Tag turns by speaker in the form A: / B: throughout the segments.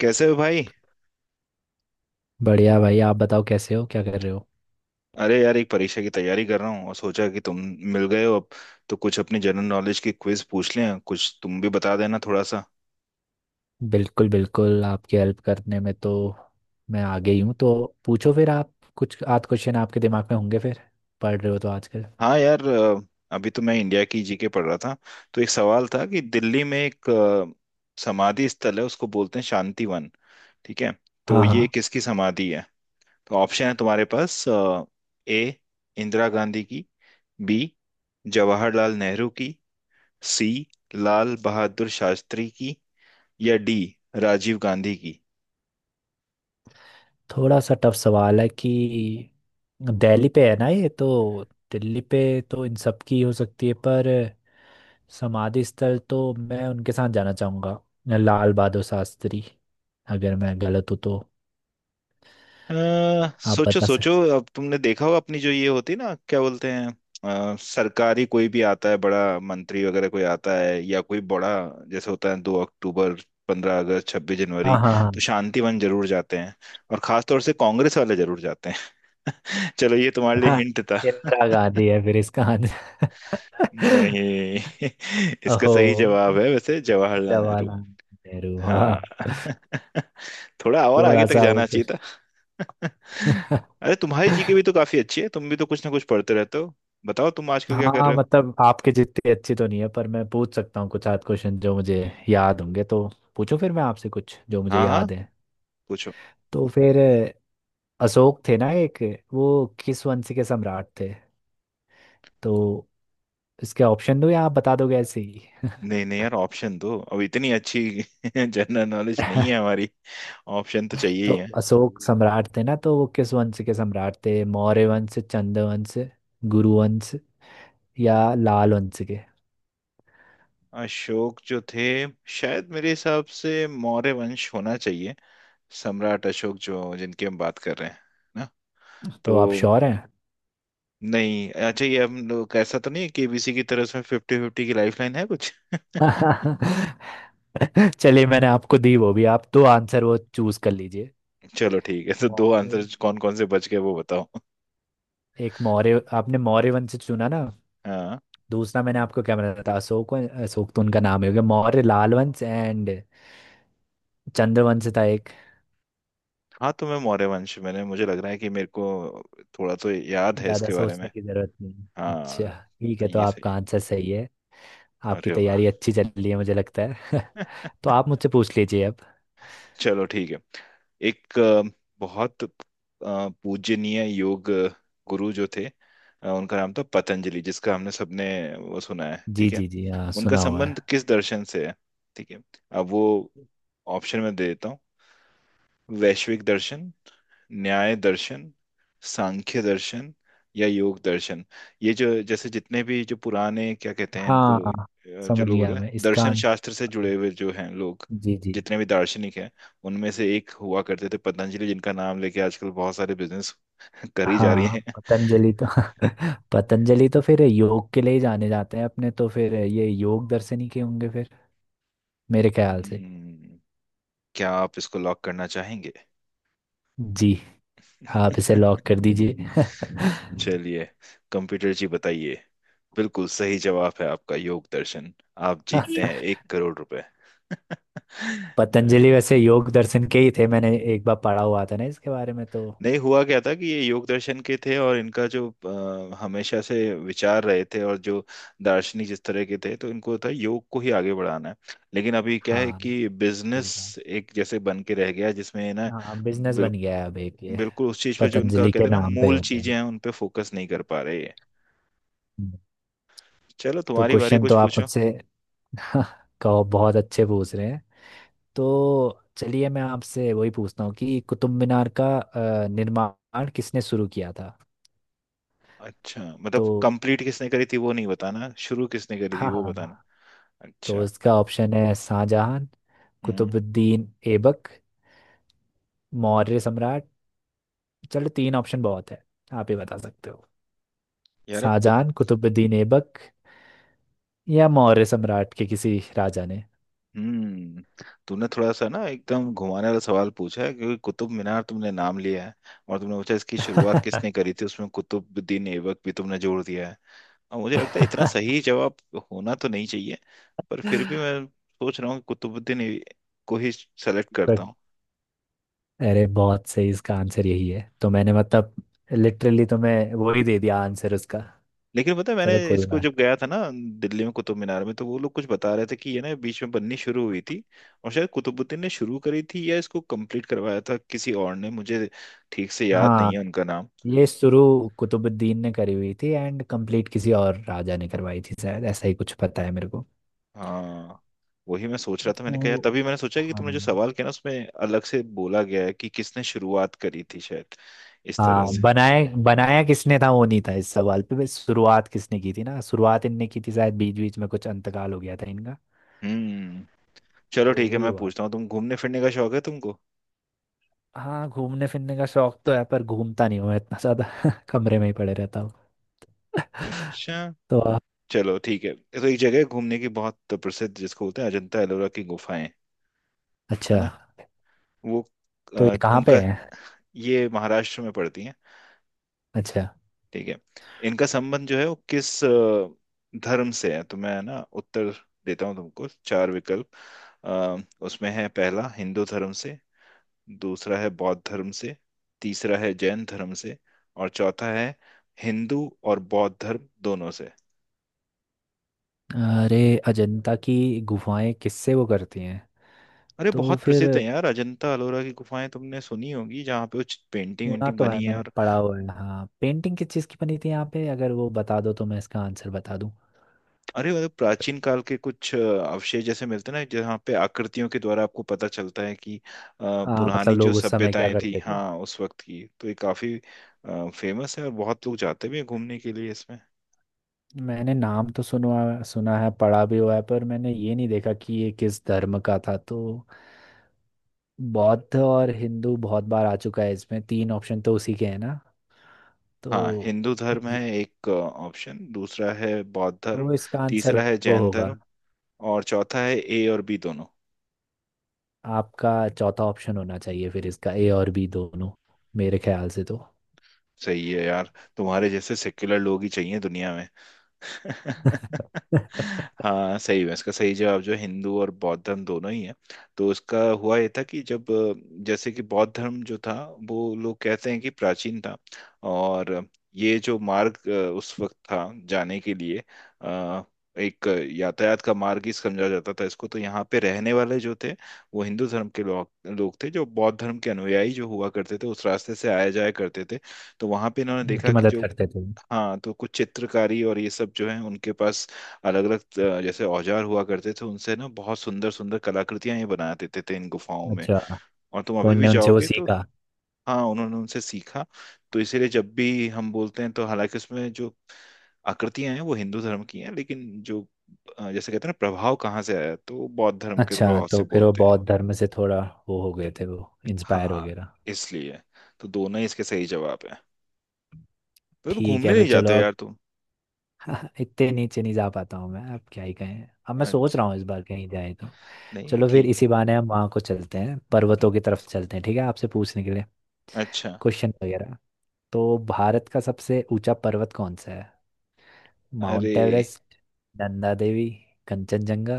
A: कैसे हो भाई।
B: बढ़िया भाई। आप बताओ, कैसे हो, क्या कर रहे हो?
A: अरे यार एक परीक्षा की तैयारी कर रहा हूँ और सोचा कि तुम मिल गए हो अब तो कुछ अपनी जनरल नॉलेज की क्विज पूछ लें, कुछ तुम भी बता देना थोड़ा सा।
B: बिल्कुल बिल्कुल, आपकी हेल्प करने में तो मैं आगे ही हूँ। तो पूछो फिर आप। कुछ आध क्वेश्चन आपके दिमाग में होंगे। फिर पढ़ रहे हो तो आजकल?
A: हाँ यार, अभी तो मैं इंडिया की जीके पढ़ रहा था। तो एक सवाल था कि दिल्ली में एक समाधि स्थल है उसको बोलते हैं शांतिवन। ठीक है। तो
B: हाँ
A: ये
B: हाँ।
A: किसकी समाधि है? तो ऑप्शन है तुम्हारे पास। ए, इंदिरा गांधी की। बी, जवाहरलाल नेहरू की। सी, लाल बहादुर शास्त्री की। या डी, राजीव गांधी की।
B: थोड़ा सा टफ सवाल है कि दिल्ली पे है ना ये तो। दिल्ली पे तो इन सब की हो सकती है, पर समाधि स्थल तो मैं उनके साथ जाना चाहूँगा, लाल बहादुर शास्त्री। अगर मैं गलत हूँ तो
A: अ,
B: आप
A: सोचो
B: बता
A: सोचो।
B: सकते।
A: अब तुमने देखा होगा अपनी जो ये होती ना क्या बोलते हैं, सरकारी कोई भी आता है, बड़ा मंत्री वगैरह कोई आता है या कोई बड़ा, जैसे होता है 2 अक्टूबर, 15 अगस्त, 26 जनवरी।
B: हाँ हाँ हाँ।
A: तो शांतिवन जरूर जाते हैं। और खास तौर से कांग्रेस वाले जरूर जाते हैं। चलो ये तुम्हारे लिए
B: हाँ,
A: हिंट था।
B: इंदिरा गांधी है फिर इसका आंसर।
A: नहीं। इसका
B: ओहो,
A: सही जवाब है वैसे जवाहरलाल नेहरू।
B: जवाहरलाल नेहरू, हाँ।
A: हाँ। थोड़ा और आगे
B: थोड़ा
A: तक
B: सा वो
A: जाना
B: कुछ।
A: चाहिए। अरे तुम्हारी जीके भी तो काफी अच्छी है, तुम भी तो कुछ ना कुछ पढ़ते रहते हो। बताओ तुम आजकल क्या कर
B: हाँ,
A: रहे
B: मतलब आपके जितनी अच्छी तो नहीं है, पर मैं पूछ सकता हूँ कुछ आध क्वेश्चन जो मुझे याद होंगे तो। पूछो, फिर मैं आपसे कुछ जो
A: हो?
B: मुझे
A: हाँ हाँ,
B: याद है।
A: पूछो।
B: तो फिर अशोक थे ना एक, वो किस वंश के सम्राट थे? तो इसके ऑप्शन दो या आप बता दोगे ऐसे ही?
A: नहीं नहीं यार, ऑप्शन दो, अब इतनी अच्छी जनरल नॉलेज नहीं है हमारी। ऑप्शन तो चाहिए
B: तो
A: ही है।
B: अशोक सम्राट थे ना, तो वो किस वंश के सम्राट थे? मौर्य वंश, चंद वंश, गुरु वंश, या लाल वंश के?
A: अशोक जो थे, शायद मेरे हिसाब से मौर्य वंश होना चाहिए। सम्राट अशोक जो, जिनकी हम बात कर रहे हैं ना,
B: तो
A: तो।
B: आप श्योर हैं?
A: नहीं, अच्छा ये हम लोग ऐसा तो नहीं है, केबीसी की तरह से फिफ्टी फिफ्टी की लाइफ लाइन है कुछ।
B: चलिए मैंने आपको दी वो भी, आप दो आंसर वो चूज कर लीजिए।
A: चलो ठीक है, तो दो
B: मौर्य
A: आंसर
B: वं-
A: कौन कौन से बच गए वो बताओ।
B: एक मौर्य, आपने मौर्य वंश चुना ना।
A: हाँ।
B: दूसरा मैंने आपको क्या बताया था? अशोक तो उनका नाम ही हो गया। मौर्य, लाल वंश एंड चंद्र वंश था एक।
A: हाँ तो मैं मौर्य वंश, मैंने, मुझे लग रहा है कि मेरे को थोड़ा तो याद है
B: ज्यादा
A: इसके बारे में।
B: सोचने की जरूरत नहीं,
A: हाँ।
B: अच्छा। ठीक
A: तो
B: है, तो
A: ये
B: आपका
A: सही
B: आंसर सही है।
A: है,
B: आपकी
A: अरे वाह।
B: तैयारी अच्छी चल रही है मुझे लगता है। तो आप मुझसे पूछ लीजिए अब।
A: चलो ठीक है। एक बहुत पूजनीय योग गुरु जो थे, उनका नाम था पतंजलि, जिसका हमने सबने वो सुना है।
B: जी
A: ठीक है।
B: जी जी, हाँ,
A: उनका
B: सुना हुआ है।
A: संबंध किस दर्शन से है? ठीक है। अब वो ऑप्शन में दे देता हूँ। वैश्विक दर्शन, न्याय दर्शन, सांख्य दर्शन या योग दर्शन। ये जो जैसे जितने भी जो पुराने क्या कहते हैं इनको,
B: हाँ,
A: जो
B: समझ
A: लोग होते
B: गया
A: हैं
B: मैं इसका।
A: दर्शन शास्त्र से जुड़े हुए, जो हैं लोग,
B: जी जी,
A: जितने भी दार्शनिक हैं, उनमें से एक हुआ करते थे पतंजलि, जिनका नाम लेके आजकल बहुत सारे बिजनेस करी जा रही
B: हाँ।
A: हैं।
B: पतंजलि तो, पतंजलि तो फिर योग के लिए ही जाने जाते हैं अपने, तो फिर ये योग दर्शन ही के होंगे फिर मेरे ख्याल से।
A: हम्म, क्या आप इसको लॉक करना चाहेंगे?
B: जी, आप इसे लॉक कर दीजिए।
A: चलिए। कंप्यूटर जी बताइए। बिल्कुल सही जवाब है आपका, योग दर्शन। आप जीतते हैं 1 करोड़ रुपए।
B: पतंजलि वैसे योग दर्शन के ही थे, मैंने एक बार पढ़ा हुआ था ना इसके बारे में तो।
A: नहीं, हुआ क्या था कि ये योग दर्शन के थे, और इनका जो हमेशा से विचार रहे थे, और जो दार्शनिक जिस तरह के थे, तो इनको था योग को ही आगे बढ़ाना है। लेकिन अभी क्या है
B: हाँ
A: कि
B: सही
A: बिजनेस
B: था।
A: एक जैसे बन के रह गया जिसमें ना
B: हाँ, बिजनेस
A: बिल,
B: बन गया है अब एक ये,
A: बिल्कुल उस चीज पे, जो उनका
B: पतंजलि के
A: कहते हैं ना
B: नाम पे
A: मूल
B: होता है।
A: चीजें हैं, उन पे फोकस नहीं कर पा रहे ये।
B: हम्म,
A: चलो
B: तो
A: तुम्हारी बारी,
B: क्वेश्चन
A: कुछ
B: तो आप
A: पूछो।
B: मुझसे। कहो, बहुत अच्छे पूछ रहे हैं। तो चलिए मैं आपसे वही पूछता हूँ कि कुतुब मीनार का निर्माण किसने शुरू किया था?
A: अच्छा, मतलब
B: तो
A: कंप्लीट किसने करी थी वो नहीं बताना, शुरू किसने करी थी
B: हाँ
A: वो बताना।
B: हाँ। तो
A: अच्छा।
B: इसका ऑप्शन है शाहजहां,
A: हम्म।
B: कुतुबुद्दीन ऐबक, मौर्य सम्राट। चलो तीन ऑप्शन बहुत है, आप ही बता सकते हो।
A: यार अब कुत।
B: शाहजहां, कुतुबुद्दीन ऐबक, या मौर्य सम्राट के किसी राजा ने?
A: हम्म। तूने थोड़ा सा ना एकदम घुमाने वाला सवाल पूछा है, क्योंकि कुतुब मीनार तुमने नाम लिया है, और तुमने पूछा इसकी शुरुआत किसने करी थी, उसमें कुतुबुद्दीन ऐबक भी तुमने जोड़ दिया है। और मुझे लगता है इतना सही जवाब होना तो नहीं चाहिए, पर फिर भी मैं सोच रहा हूँ कि कुतुबुद्दीन ऐ- को ही सेलेक्ट
B: तो
A: करता हूँ।
B: अरे बहुत सही, इसका आंसर यही है। तो मैंने मतलब लिटरली तुम्हें वो ही दे दिया आंसर उसका।
A: लेकिन पता है, मैंने
B: चलो, कोई
A: इसको
B: बात।
A: जब गया था ना दिल्ली में कुतुब मीनार में, तो वो लोग कुछ बता रहे थे कि ये ना बीच में बननी शुरू हुई थी, और शायद कुतुबुद्दीन ने शुरू करी थी या इसको कंप्लीट करवाया था किसी और ने, मुझे ठीक से याद नहीं
B: हाँ,
A: है उनका नाम।
B: ये शुरू कुतुबुद्दीन ने करी हुई थी, एंड कंप्लीट किसी और राजा ने करवाई थी शायद, ऐसा ही कुछ पता है मेरे को।
A: हाँ, वही मैं सोच रहा था, मैंने कहा यार
B: तो,
A: तभी मैंने सोचा कि तुमने जो
B: हाँ।
A: सवाल किया ना उसमें अलग से बोला गया है कि किसने शुरुआत करी थी, शायद इस तरह
B: हाँ,
A: से।
B: बनाया बनाया किसने था वो नहीं था इस सवाल पे, बस शुरुआत किसने की थी ना, शुरुआत इनने की थी शायद, बीच बीच में कुछ अंतकाल हो गया था इनका।
A: हम्म।
B: तो
A: चलो ठीक है,
B: वही
A: मैं
B: हुआ।
A: पूछता हूँ। तुम घूमने फिरने का शौक है तुमको?
B: हाँ, घूमने फिरने का शौक तो है, पर घूमता नहीं हूँ मैं इतना ज्यादा। कमरे में ही पड़े रहता हूँ।
A: अच्छा।
B: तो आ-
A: चलो ठीक है, तो एक जगह है घूमने की बहुत प्रसिद्ध, जिसको बोलते हैं अजंता एलोरा की गुफाएं। है
B: अच्छा।
A: ना। वो
B: तो ये कहाँ पे
A: उनका,
B: है?
A: ये महाराष्ट्र में पड़ती हैं।
B: अच्छा।
A: ठीक है। इनका संबंध जो है वो किस धर्म से है, तो मैं है ना उत्तर देता हूँ तुमको चार विकल्प। अ, उसमें है, पहला हिंदू धर्म से, दूसरा है बौद्ध धर्म से, तीसरा है जैन धर्म से, और चौथा है हिंदू और बौद्ध धर्म दोनों से।
B: अरे, अजंता की गुफाएं किससे वो करती हैं?
A: अरे
B: तो
A: बहुत
B: फिर
A: प्रसिद्ध है यार, अजंता अलोरा की गुफाएं तुमने सुनी होगी, जहाँ पे कुछ पेंटिंग
B: सुना
A: वेंटिंग
B: तो है,
A: बनी है।
B: मैंने
A: और
B: पढ़ा हुआ है, हाँ। पेंटिंग किस चीज़ की बनी थी यहाँ पे, अगर वो बता दो तो मैं इसका आंसर बता दूँ।
A: अरे मतलब प्राचीन काल के कुछ अवशेष जैसे मिलते हैं ना, जहाँ पे आकृतियों के द्वारा आपको पता चलता है कि
B: हाँ,
A: पुरानी
B: मतलब
A: जो
B: लोग उस समय क्या
A: सभ्यताएं थी,
B: करते थे।
A: हाँ, उस वक्त की, तो ये काफी फेमस है और बहुत लोग जाते भी हैं घूमने के लिए इसमें।
B: मैंने नाम तो सुना सुना है, पढ़ा भी हुआ है, पर मैंने ये नहीं देखा कि ये किस धर्म का था तो। बौद्ध और हिंदू बहुत बार आ चुका है इसमें, तीन ऑप्शन तो उसी के हैं ना। तो
A: हाँ, हिंदू धर्म
B: ज-
A: है एक ऑप्शन, दूसरा है बौद्ध धर्म,
B: तो इसका आंसर
A: तीसरा है
B: वो
A: जैन
B: होगा।
A: धर्म, और चौथा है ए और बी दोनों।
B: आपका चौथा ऑप्शन होना चाहिए फिर इसका, ए और बी दोनों, मेरे ख्याल से तो।
A: सही है यार, तुम्हारे जैसे सेक्युलर लोग ही चाहिए दुनिया। हाँ, सही है, इसका सही जवाब जो हिंदू और बौद्ध धर्म दोनों ही है। तो उसका हुआ ये था कि जब जैसे कि बौद्ध धर्म जो था, वो लोग कहते हैं कि प्राचीन था। और ये जो मार्ग उस वक्त था जाने के लिए, अ, एक यातायात का मार्ग ही समझा जाता था इसको। तो यहाँ पे रहने वाले जो थे वो हिंदू धर्म के लोग लोग थे। जो बौद्ध धर्म के अनुयायी जो हुआ करते थे, उस रास्ते से आया जाया करते थे। तो वहां पे इन्होंने देखा
B: उनकी
A: कि
B: मदद
A: जो,
B: करते थे।
A: हाँ, तो कुछ चित्रकारी और ये सब जो है उनके पास अलग अलग जैसे औजार हुआ करते थे, उनसे ना बहुत सुंदर सुंदर कलाकृतियां ये बना देते थे इन गुफाओं में।
B: अच्छा,
A: और तुम
B: तो
A: अभी
B: उनने
A: भी
B: उनसे वो
A: जाओगे तो,
B: सीखा।
A: हाँ उन्होंने उनसे सीखा। तो इसीलिए जब भी हम बोलते हैं, तो हालांकि उसमें जो आकृतियां हैं वो हिंदू धर्म की हैं, लेकिन जो जैसे कहते हैं ना प्रभाव कहाँ से आया, तो वो बौद्ध धर्म के
B: अच्छा,
A: प्रभाव
B: तो
A: से
B: फिर वो
A: बोलते हैं।
B: बौद्ध धर्म से थोड़ा वो हो गए थे, वो इंस्पायर
A: हाँ,
B: वगैरह।
A: इसलिए। तो दोनों ही इसके सही जवाब है। तो
B: ठीक
A: घूमने
B: है
A: नहीं
B: फिर, चलो
A: जाते
B: अब।
A: यार तुम?
B: इतने नीचे नहीं जा पाता हूँ मैं, अब क्या ही कहें, अब मैं सोच
A: अच्छा,
B: रहा हूँ इस बार कहीं जाए तो।
A: नहीं
B: चलो फिर
A: ठीक है।
B: इसी बहाने हम वहाँ को चलते हैं, पर्वतों की तरफ चलते हैं। ठीक है, आपसे पूछने के लिए
A: अच्छा।
B: क्वेश्चन वगैरह। तो भारत का सबसे ऊंचा पर्वत कौन सा है?
A: अरे।
B: Mount Everest, Nanda Devi, Kanchenjunga.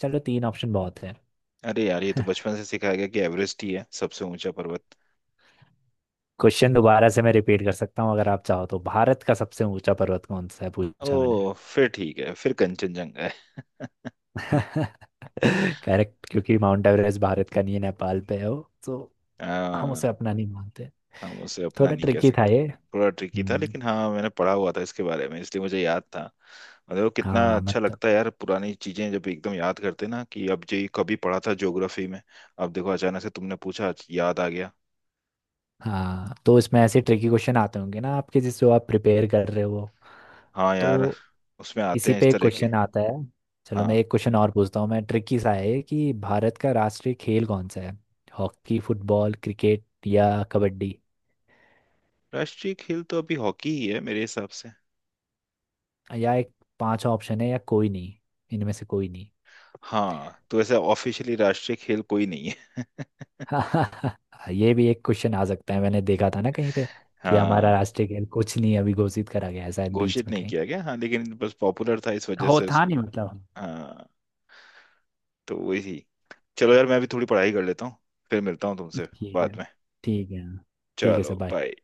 B: चलो तीन ऑप्शन बहुत है।
A: अरे यार, ये तो बचपन से सिखाया गया कि एवरेस्ट ही है सबसे ऊंचा पर्वत।
B: क्वेश्चन दोबारा से मैं रिपीट कर सकता हूँ अगर आप चाहो तो। भारत का सबसे ऊंचा पर्वत कौन सा है, पूछा मैंने।
A: ओ फिर ठीक है, फिर कंचनजंगा है।
B: करेक्ट, क्योंकि माउंट एवरेस्ट भारत का नहीं है, नेपाल पे है वो तो। हम
A: हाँ,
B: उसे अपना नहीं मानते।
A: हम उसे अपना
B: थोड़ा
A: नहीं कह
B: ट्रिकी था
A: सकते।
B: ये।
A: थोड़ा ट्रिकी था,
B: हम्म।
A: लेकिन हाँ मैंने पढ़ा हुआ था इसके बारे में, इसलिए मुझे याद था। मतलब कितना
B: हाँ,
A: अच्छा
B: मतलब।
A: लगता है यार, पुरानी चीजें जब एकदम याद करते ना, कि अब जो ये कभी पढ़ा था ज्योग्राफी में, अब देखो अचानक से तुमने पूछा आज याद आ गया।
B: हाँ, तो इसमें ऐसे ट्रिकी क्वेश्चन आते होंगे ना आपके, जिससे आप प्रिपेयर कर रहे हो।
A: हाँ यार,
B: तो
A: उसमें आते
B: इसी
A: हैं इस
B: पे एक
A: तरह के।
B: क्वेश्चन आता है। चलो मैं
A: हाँ,
B: एक क्वेश्चन और पूछता हूँ, मैं ट्रिकी सा है ये कि भारत का राष्ट्रीय खेल कौन सा है? हॉकी, फुटबॉल, क्रिकेट, या कबड्डी?
A: राष्ट्रीय खेल तो अभी हॉकी ही है मेरे हिसाब से।
B: या एक पांचवा ऑप्शन है, या कोई नहीं, इनमें से कोई नहीं?
A: हाँ, तो ऐसे ऑफिशियली राष्ट्रीय खेल कोई नहीं।
B: ये भी एक क्वेश्चन आ सकता है, मैंने देखा था ना कहीं पे, कि हमारा
A: हाँ,
B: राष्ट्रीय खेल कुछ नहीं अभी घोषित करा गया है शायद, बीच
A: घोषित
B: में
A: नहीं
B: कहीं।
A: किया गया, हाँ, लेकिन बस पॉपुलर था इस वजह
B: हो,
A: से
B: था
A: उसको।
B: नहीं मतलब।
A: हाँ, तो वही थी। चलो यार, मैं अभी थोड़ी पढ़ाई कर लेता हूँ, फिर मिलता हूँ तुमसे
B: ठीक है।
A: बाद में।
B: ठीक है। ठीक है
A: चलो
B: सर, bye।
A: बाय।